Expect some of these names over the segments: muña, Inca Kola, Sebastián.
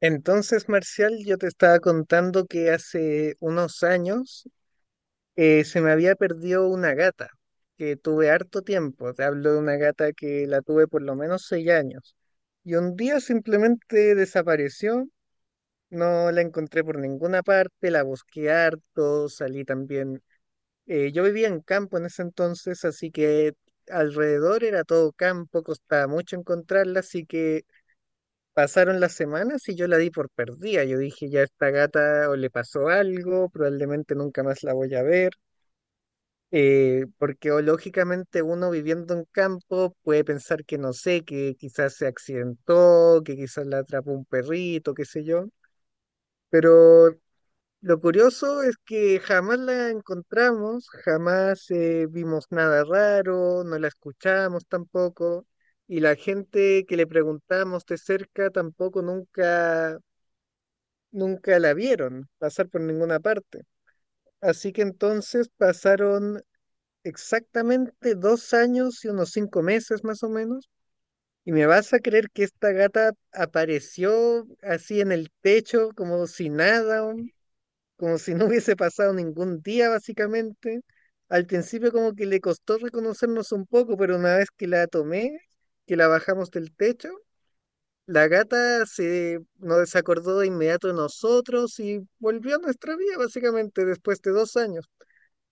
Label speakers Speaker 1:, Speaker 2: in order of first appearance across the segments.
Speaker 1: Entonces, Marcial, yo te estaba contando que hace unos años se me había perdido una gata, que tuve harto tiempo. Te hablo de una gata que la tuve por lo menos 6 años. Y un día simplemente desapareció, no la encontré por ninguna parte, la busqué harto, salí también. Yo vivía en campo en ese entonces, así que alrededor era todo campo, costaba mucho encontrarla, así que pasaron las semanas y yo la di por perdida. Yo dije, ya esta gata o le pasó algo, probablemente nunca más la voy a ver. Porque o lógicamente uno viviendo en campo puede pensar que no sé, que quizás se accidentó, que quizás la atrapó un perrito, qué sé yo. Pero lo curioso es que jamás la encontramos, jamás vimos nada raro, no la escuchamos tampoco. Y la gente que le preguntamos de cerca tampoco nunca la vieron pasar por ninguna parte. Así que entonces pasaron exactamente 2 años y unos 5 meses más o menos. Y me vas a creer que esta gata apareció así en el techo, como si nada, como si no hubiese pasado ningún día básicamente. Al principio como que le costó reconocernos un poco, pero una vez que la tomé, que la bajamos del techo, la gata se acordó de inmediato de nosotros y volvió a nuestra vida, básicamente, después de 2 años.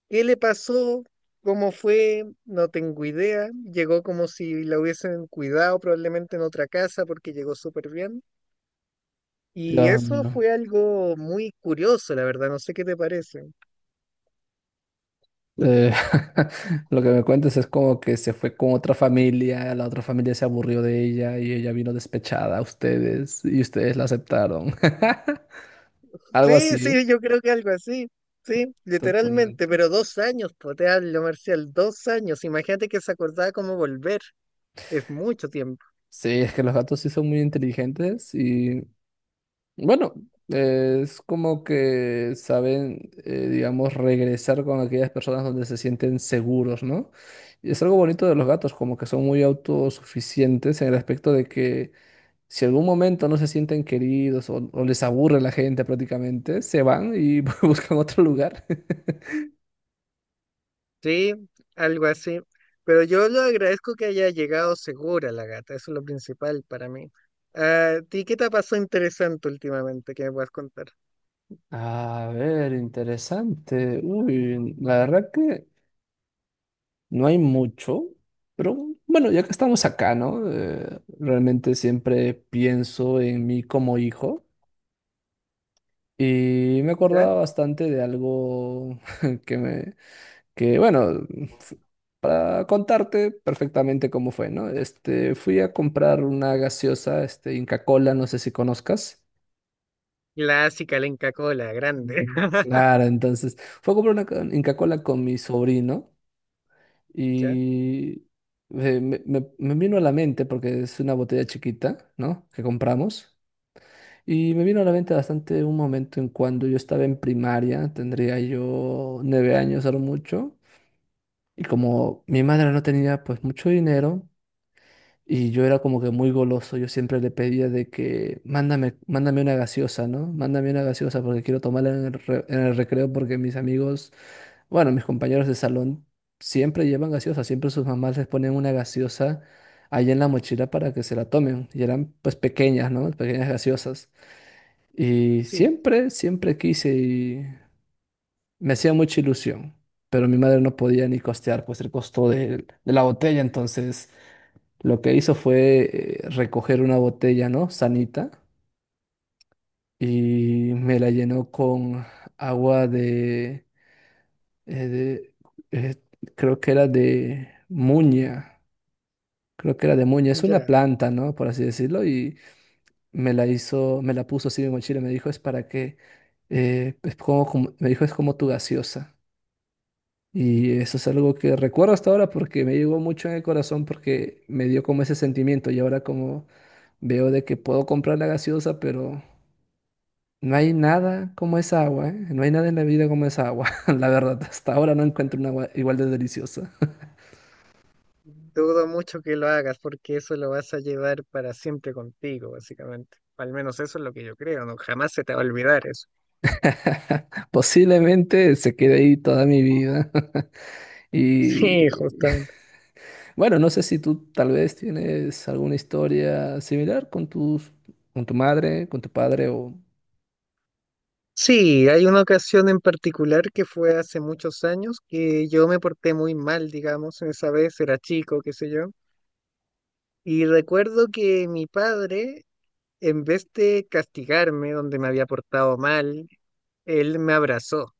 Speaker 1: ¿Qué le pasó? ¿Cómo fue? No tengo idea. Llegó como si la hubiesen cuidado probablemente en otra casa porque llegó súper bien. Y
Speaker 2: Dios
Speaker 1: eso
Speaker 2: mío.
Speaker 1: fue algo muy curioso, la verdad. No sé qué te parece.
Speaker 2: Eh, lo que me cuentas es como que se fue con otra familia, la otra familia se aburrió de ella y ella vino despechada a ustedes y ustedes la aceptaron. Algo
Speaker 1: Sí,
Speaker 2: así,
Speaker 1: sí, yo creo que algo así. Sí, literalmente,
Speaker 2: totalmente.
Speaker 1: pero 2 años, pues te hablo, Marcial, 2 años. Imagínate que se acordaba cómo volver. Es mucho tiempo.
Speaker 2: Sí, es que los gatos sí son muy inteligentes y bueno, es como que saben, digamos, regresar con aquellas personas donde se sienten seguros, ¿no? Y es algo bonito de los gatos, como que son muy autosuficientes en el aspecto de que, si algún momento no se sienten queridos o les aburre la gente prácticamente, se van y buscan otro lugar.
Speaker 1: Sí, algo así. Pero yo lo agradezco que haya llegado segura la gata, eso es lo principal para mí. Ah, ¿a ti qué te ha pasado interesante últimamente que me puedas contar?
Speaker 2: A ver, interesante. Uy, la verdad que no hay mucho, pero bueno, ya que estamos acá, ¿no? Realmente siempre pienso en mí como hijo y me
Speaker 1: ¿Ya?
Speaker 2: acordaba bastante de algo que me, que bueno, para contarte perfectamente cómo fue, ¿no? Este, fui a comprar una gaseosa, este, Inca Kola, no sé si conozcas.
Speaker 1: Clásica, la Inca Kola, grande.
Speaker 2: Mm. Claro, entonces fue a comprar una Inca Kola con mi sobrino
Speaker 1: ¿Ya?
Speaker 2: y me vino a la mente, porque es una botella chiquita, ¿no? Que compramos. Y me vino a la mente bastante un momento en cuando yo estaba en primaria, tendría yo 9 años a lo mucho, y como mi madre no tenía pues mucho dinero. Y yo era como que muy goloso, yo siempre le pedía de que mándame, mándame una gaseosa, ¿no? Mándame una gaseosa porque quiero tomarla en en el recreo porque mis amigos, bueno, mis compañeros de salón siempre llevan gaseosa, siempre sus mamás les ponen una gaseosa ahí en la mochila para que se la tomen. Y eran pues pequeñas, ¿no? Pequeñas gaseosas. Y
Speaker 1: Sí,
Speaker 2: siempre, siempre quise y me hacía mucha ilusión, pero mi madre no podía ni costear pues el costo de la botella, entonces... Lo que hizo fue recoger una botella, ¿no? Sanita, y me la llenó con agua de- eh, creo que era de muña, creo que era de muña, es una
Speaker 1: ya.
Speaker 2: planta, ¿no? Por así decirlo, y me la hizo, me la puso así en mi mochila, me dijo, es para que, me dijo, es como tu gaseosa. Y eso es algo que recuerdo hasta ahora porque me llegó mucho en el corazón porque me dio como ese sentimiento y ahora como veo de que puedo comprar la gaseosa, pero no hay nada como esa agua, ¿eh? No hay nada en la vida como esa agua, la verdad. Hasta ahora no encuentro una agua igual de deliciosa.
Speaker 1: Dudo mucho que lo hagas porque eso lo vas a llevar para siempre contigo, básicamente. Al menos eso es lo que yo creo, no jamás se te va a olvidar eso.
Speaker 2: Posiblemente se quede ahí toda mi vida. Y
Speaker 1: Sí, justamente.
Speaker 2: bueno, no sé si tú tal vez tienes alguna historia similar con con tu madre, con tu padre o...
Speaker 1: Sí, hay una ocasión en particular que fue hace muchos años que yo me porté muy mal, digamos, esa vez era chico, qué sé yo, y recuerdo que mi padre, en vez de castigarme donde me había portado mal, él me abrazó.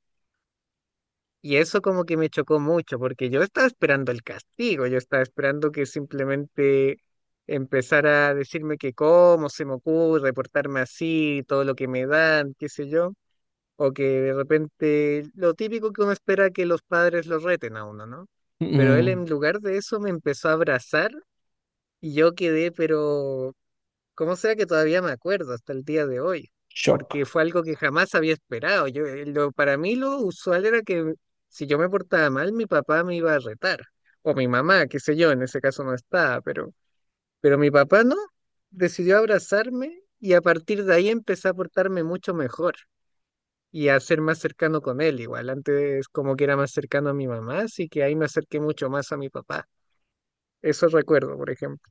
Speaker 1: Y eso como que me chocó mucho, porque yo estaba esperando el castigo, yo estaba esperando que simplemente empezara a decirme que cómo se me ocurre portarme así, todo lo que me dan, qué sé yo. O que de repente, lo típico que uno espera que los padres los reten a uno, ¿no? Pero él
Speaker 2: Mm,
Speaker 1: en lugar de eso me empezó a abrazar y yo quedé, pero como sea que todavía me acuerdo hasta el día de hoy, porque
Speaker 2: shock,
Speaker 1: fue algo que jamás había esperado. Yo, lo, para mí lo usual era que si yo me portaba mal, mi papá me iba a retar, o mi mamá, qué sé yo, en ese caso no estaba, pero mi papá no, decidió abrazarme y a partir de ahí empecé a portarme mucho mejor y a ser más cercano con él. Igual antes como que era más cercano a mi mamá, así que ahí me acerqué mucho más a mi papá. Eso recuerdo, por ejemplo.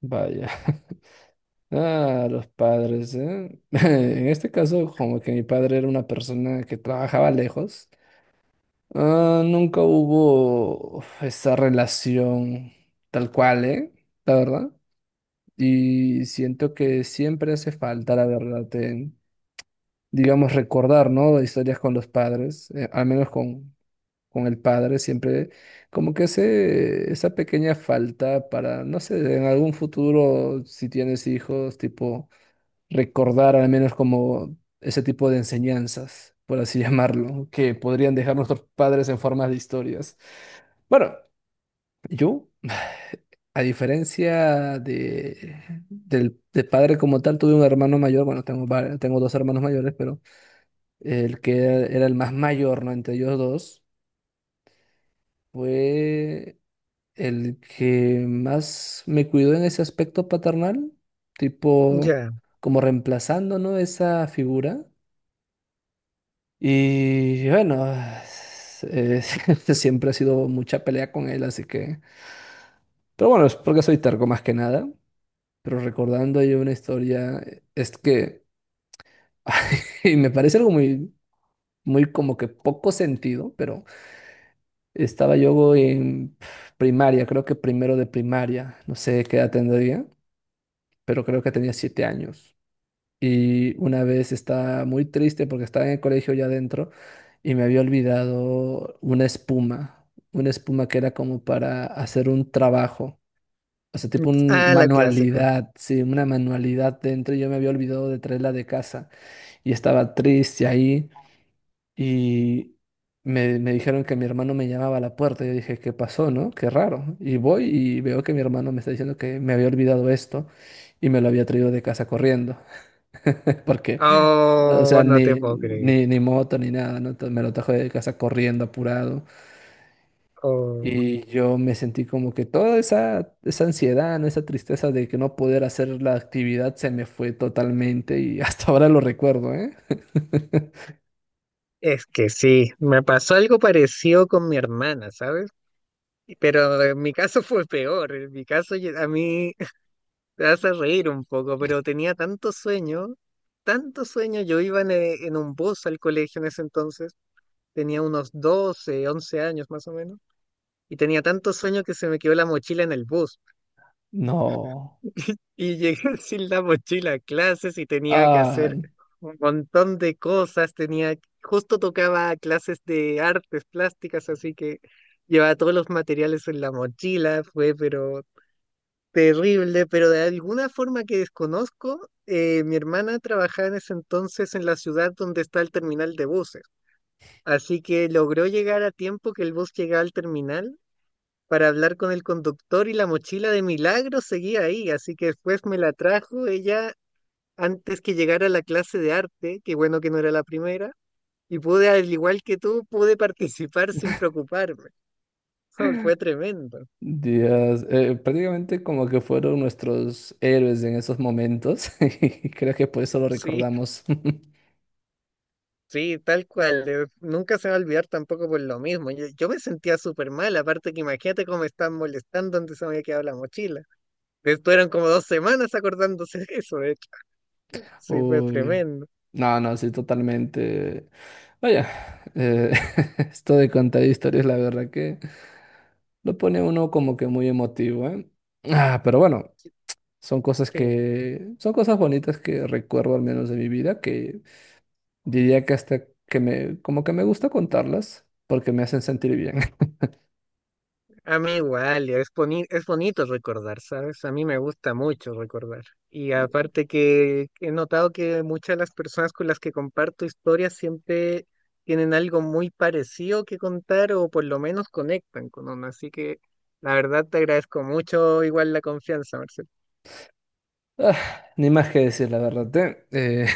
Speaker 2: vaya. Ah, los padres, ¿eh? En este caso, como que mi padre era una persona que trabajaba lejos, ah, nunca hubo uf, esa relación tal cual, ¿eh? La verdad. Y siento que siempre hace falta, la verdad, en, digamos, recordar, ¿no? Historias con los padres, al menos con el padre, siempre como que hace esa pequeña falta para, no sé, en algún futuro, si tienes hijos, tipo recordar al menos como ese tipo de enseñanzas, por así llamarlo, que podrían dejar nuestros padres en forma de historias. Bueno, yo, a diferencia de padre como tal, tuve un hermano mayor, bueno, tengo dos hermanos mayores, pero el que era, era el más mayor, ¿no? Entre ellos dos, fue el que más me cuidó en ese aspecto paternal, tipo
Speaker 1: Ya.
Speaker 2: como reemplazando, ¿no? Esa figura. Y bueno, eh, siempre ha sido mucha pelea con él, así que... Pero bueno, es porque soy terco más que nada. Pero recordando yo una historia, es que... y me parece algo muy como que poco sentido, pero estaba yo en primaria, creo que primero de primaria, no sé qué edad tendría, pero creo que tenía 7 años. Y una vez estaba muy triste porque estaba en el colegio ya adentro y me había olvidado una espuma que era como para hacer un trabajo, o sea, tipo una
Speaker 1: Ah, la clásico.
Speaker 2: manualidad, sí, una manualidad dentro y yo me había olvidado de traerla de casa y estaba triste ahí y me dijeron que mi hermano me llamaba a la puerta. Yo dije, ¿qué pasó, no? Qué raro. Y voy y veo que mi hermano me está diciendo que me había olvidado esto y me lo había traído de casa corriendo porque, o
Speaker 1: Oh,
Speaker 2: sea,
Speaker 1: no te puedo creer.
Speaker 2: ni moto ni nada, ¿no? Entonces, me lo trajo de casa corriendo, apurado.
Speaker 1: Oh,
Speaker 2: Y yo me sentí como que toda esa ansiedad, ¿no? Esa tristeza de que no poder hacer la actividad se me fue totalmente y hasta ahora lo recuerdo, ¿eh?
Speaker 1: es que sí, me pasó algo parecido con mi hermana, ¿sabes? Pero en mi caso fue peor. En mi caso a mí te vas reír un poco, pero tenía tanto sueño, tanto sueño. Yo iba en un bus al colegio en ese entonces, tenía unos 12 11 años más o menos. Y tenía tanto sueño que se me quedó la mochila en el bus.
Speaker 2: No.
Speaker 1: Y llegué sin la mochila a clases y tenía que hacer
Speaker 2: Ay,
Speaker 1: un montón de cosas. Tenía, justo tocaba clases de artes plásticas, así que llevaba todos los materiales en la mochila. Fue, pero terrible. Pero de alguna forma que desconozco, mi hermana trabajaba en ese entonces en la ciudad donde está el terminal de buses. Así que logró llegar a tiempo que el bus llegaba al terminal para hablar con el conductor y la mochila de milagro seguía ahí, así que después me la trajo ella antes que llegara a la clase de arte, que bueno que no era la primera, y pude, al igual que tú, pude participar sin preocuparme. Fue tremendo.
Speaker 2: Dios. Prácticamente como que fueron nuestros héroes en esos momentos. Y creo que por eso lo
Speaker 1: Sí,
Speaker 2: recordamos.
Speaker 1: sí, tal cual. Nunca se va a olvidar tampoco por lo mismo. Yo me sentía súper mal, aparte que imagínate cómo me estaban molestando donde se me había quedado la mochila. Estuvieron como 2 semanas acordándose de eso, de hecho. Sí, fue
Speaker 2: Uy.
Speaker 1: tremendo.
Speaker 2: No, no, sí, totalmente. Vaya, eh, esto de contar historias, la verdad que lo pone uno como que muy emotivo, ¿eh? Ah, pero bueno, son cosas
Speaker 1: Sí.
Speaker 2: que, son cosas bonitas que recuerdo al menos de mi vida, que diría que como que me gusta contarlas porque me hacen sentir bien.
Speaker 1: A mí igual, es bonito recordar, ¿sabes? A mí me gusta mucho recordar. Y aparte que he notado que muchas de las personas con las que comparto historias siempre tienen algo muy parecido que contar o por lo menos conectan con uno. Así que la verdad te agradezco mucho igual la confianza, Marcel.
Speaker 2: Ah, ni más que decir, la verdad, ¿eh?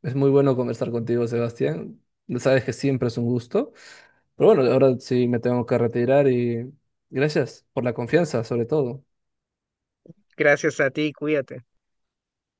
Speaker 2: es muy bueno conversar contigo, Sebastián. Sabes que siempre es un gusto. Pero bueno, ahora sí me tengo que retirar y gracias por la confianza, sobre todo.
Speaker 1: Gracias a ti, cuídate.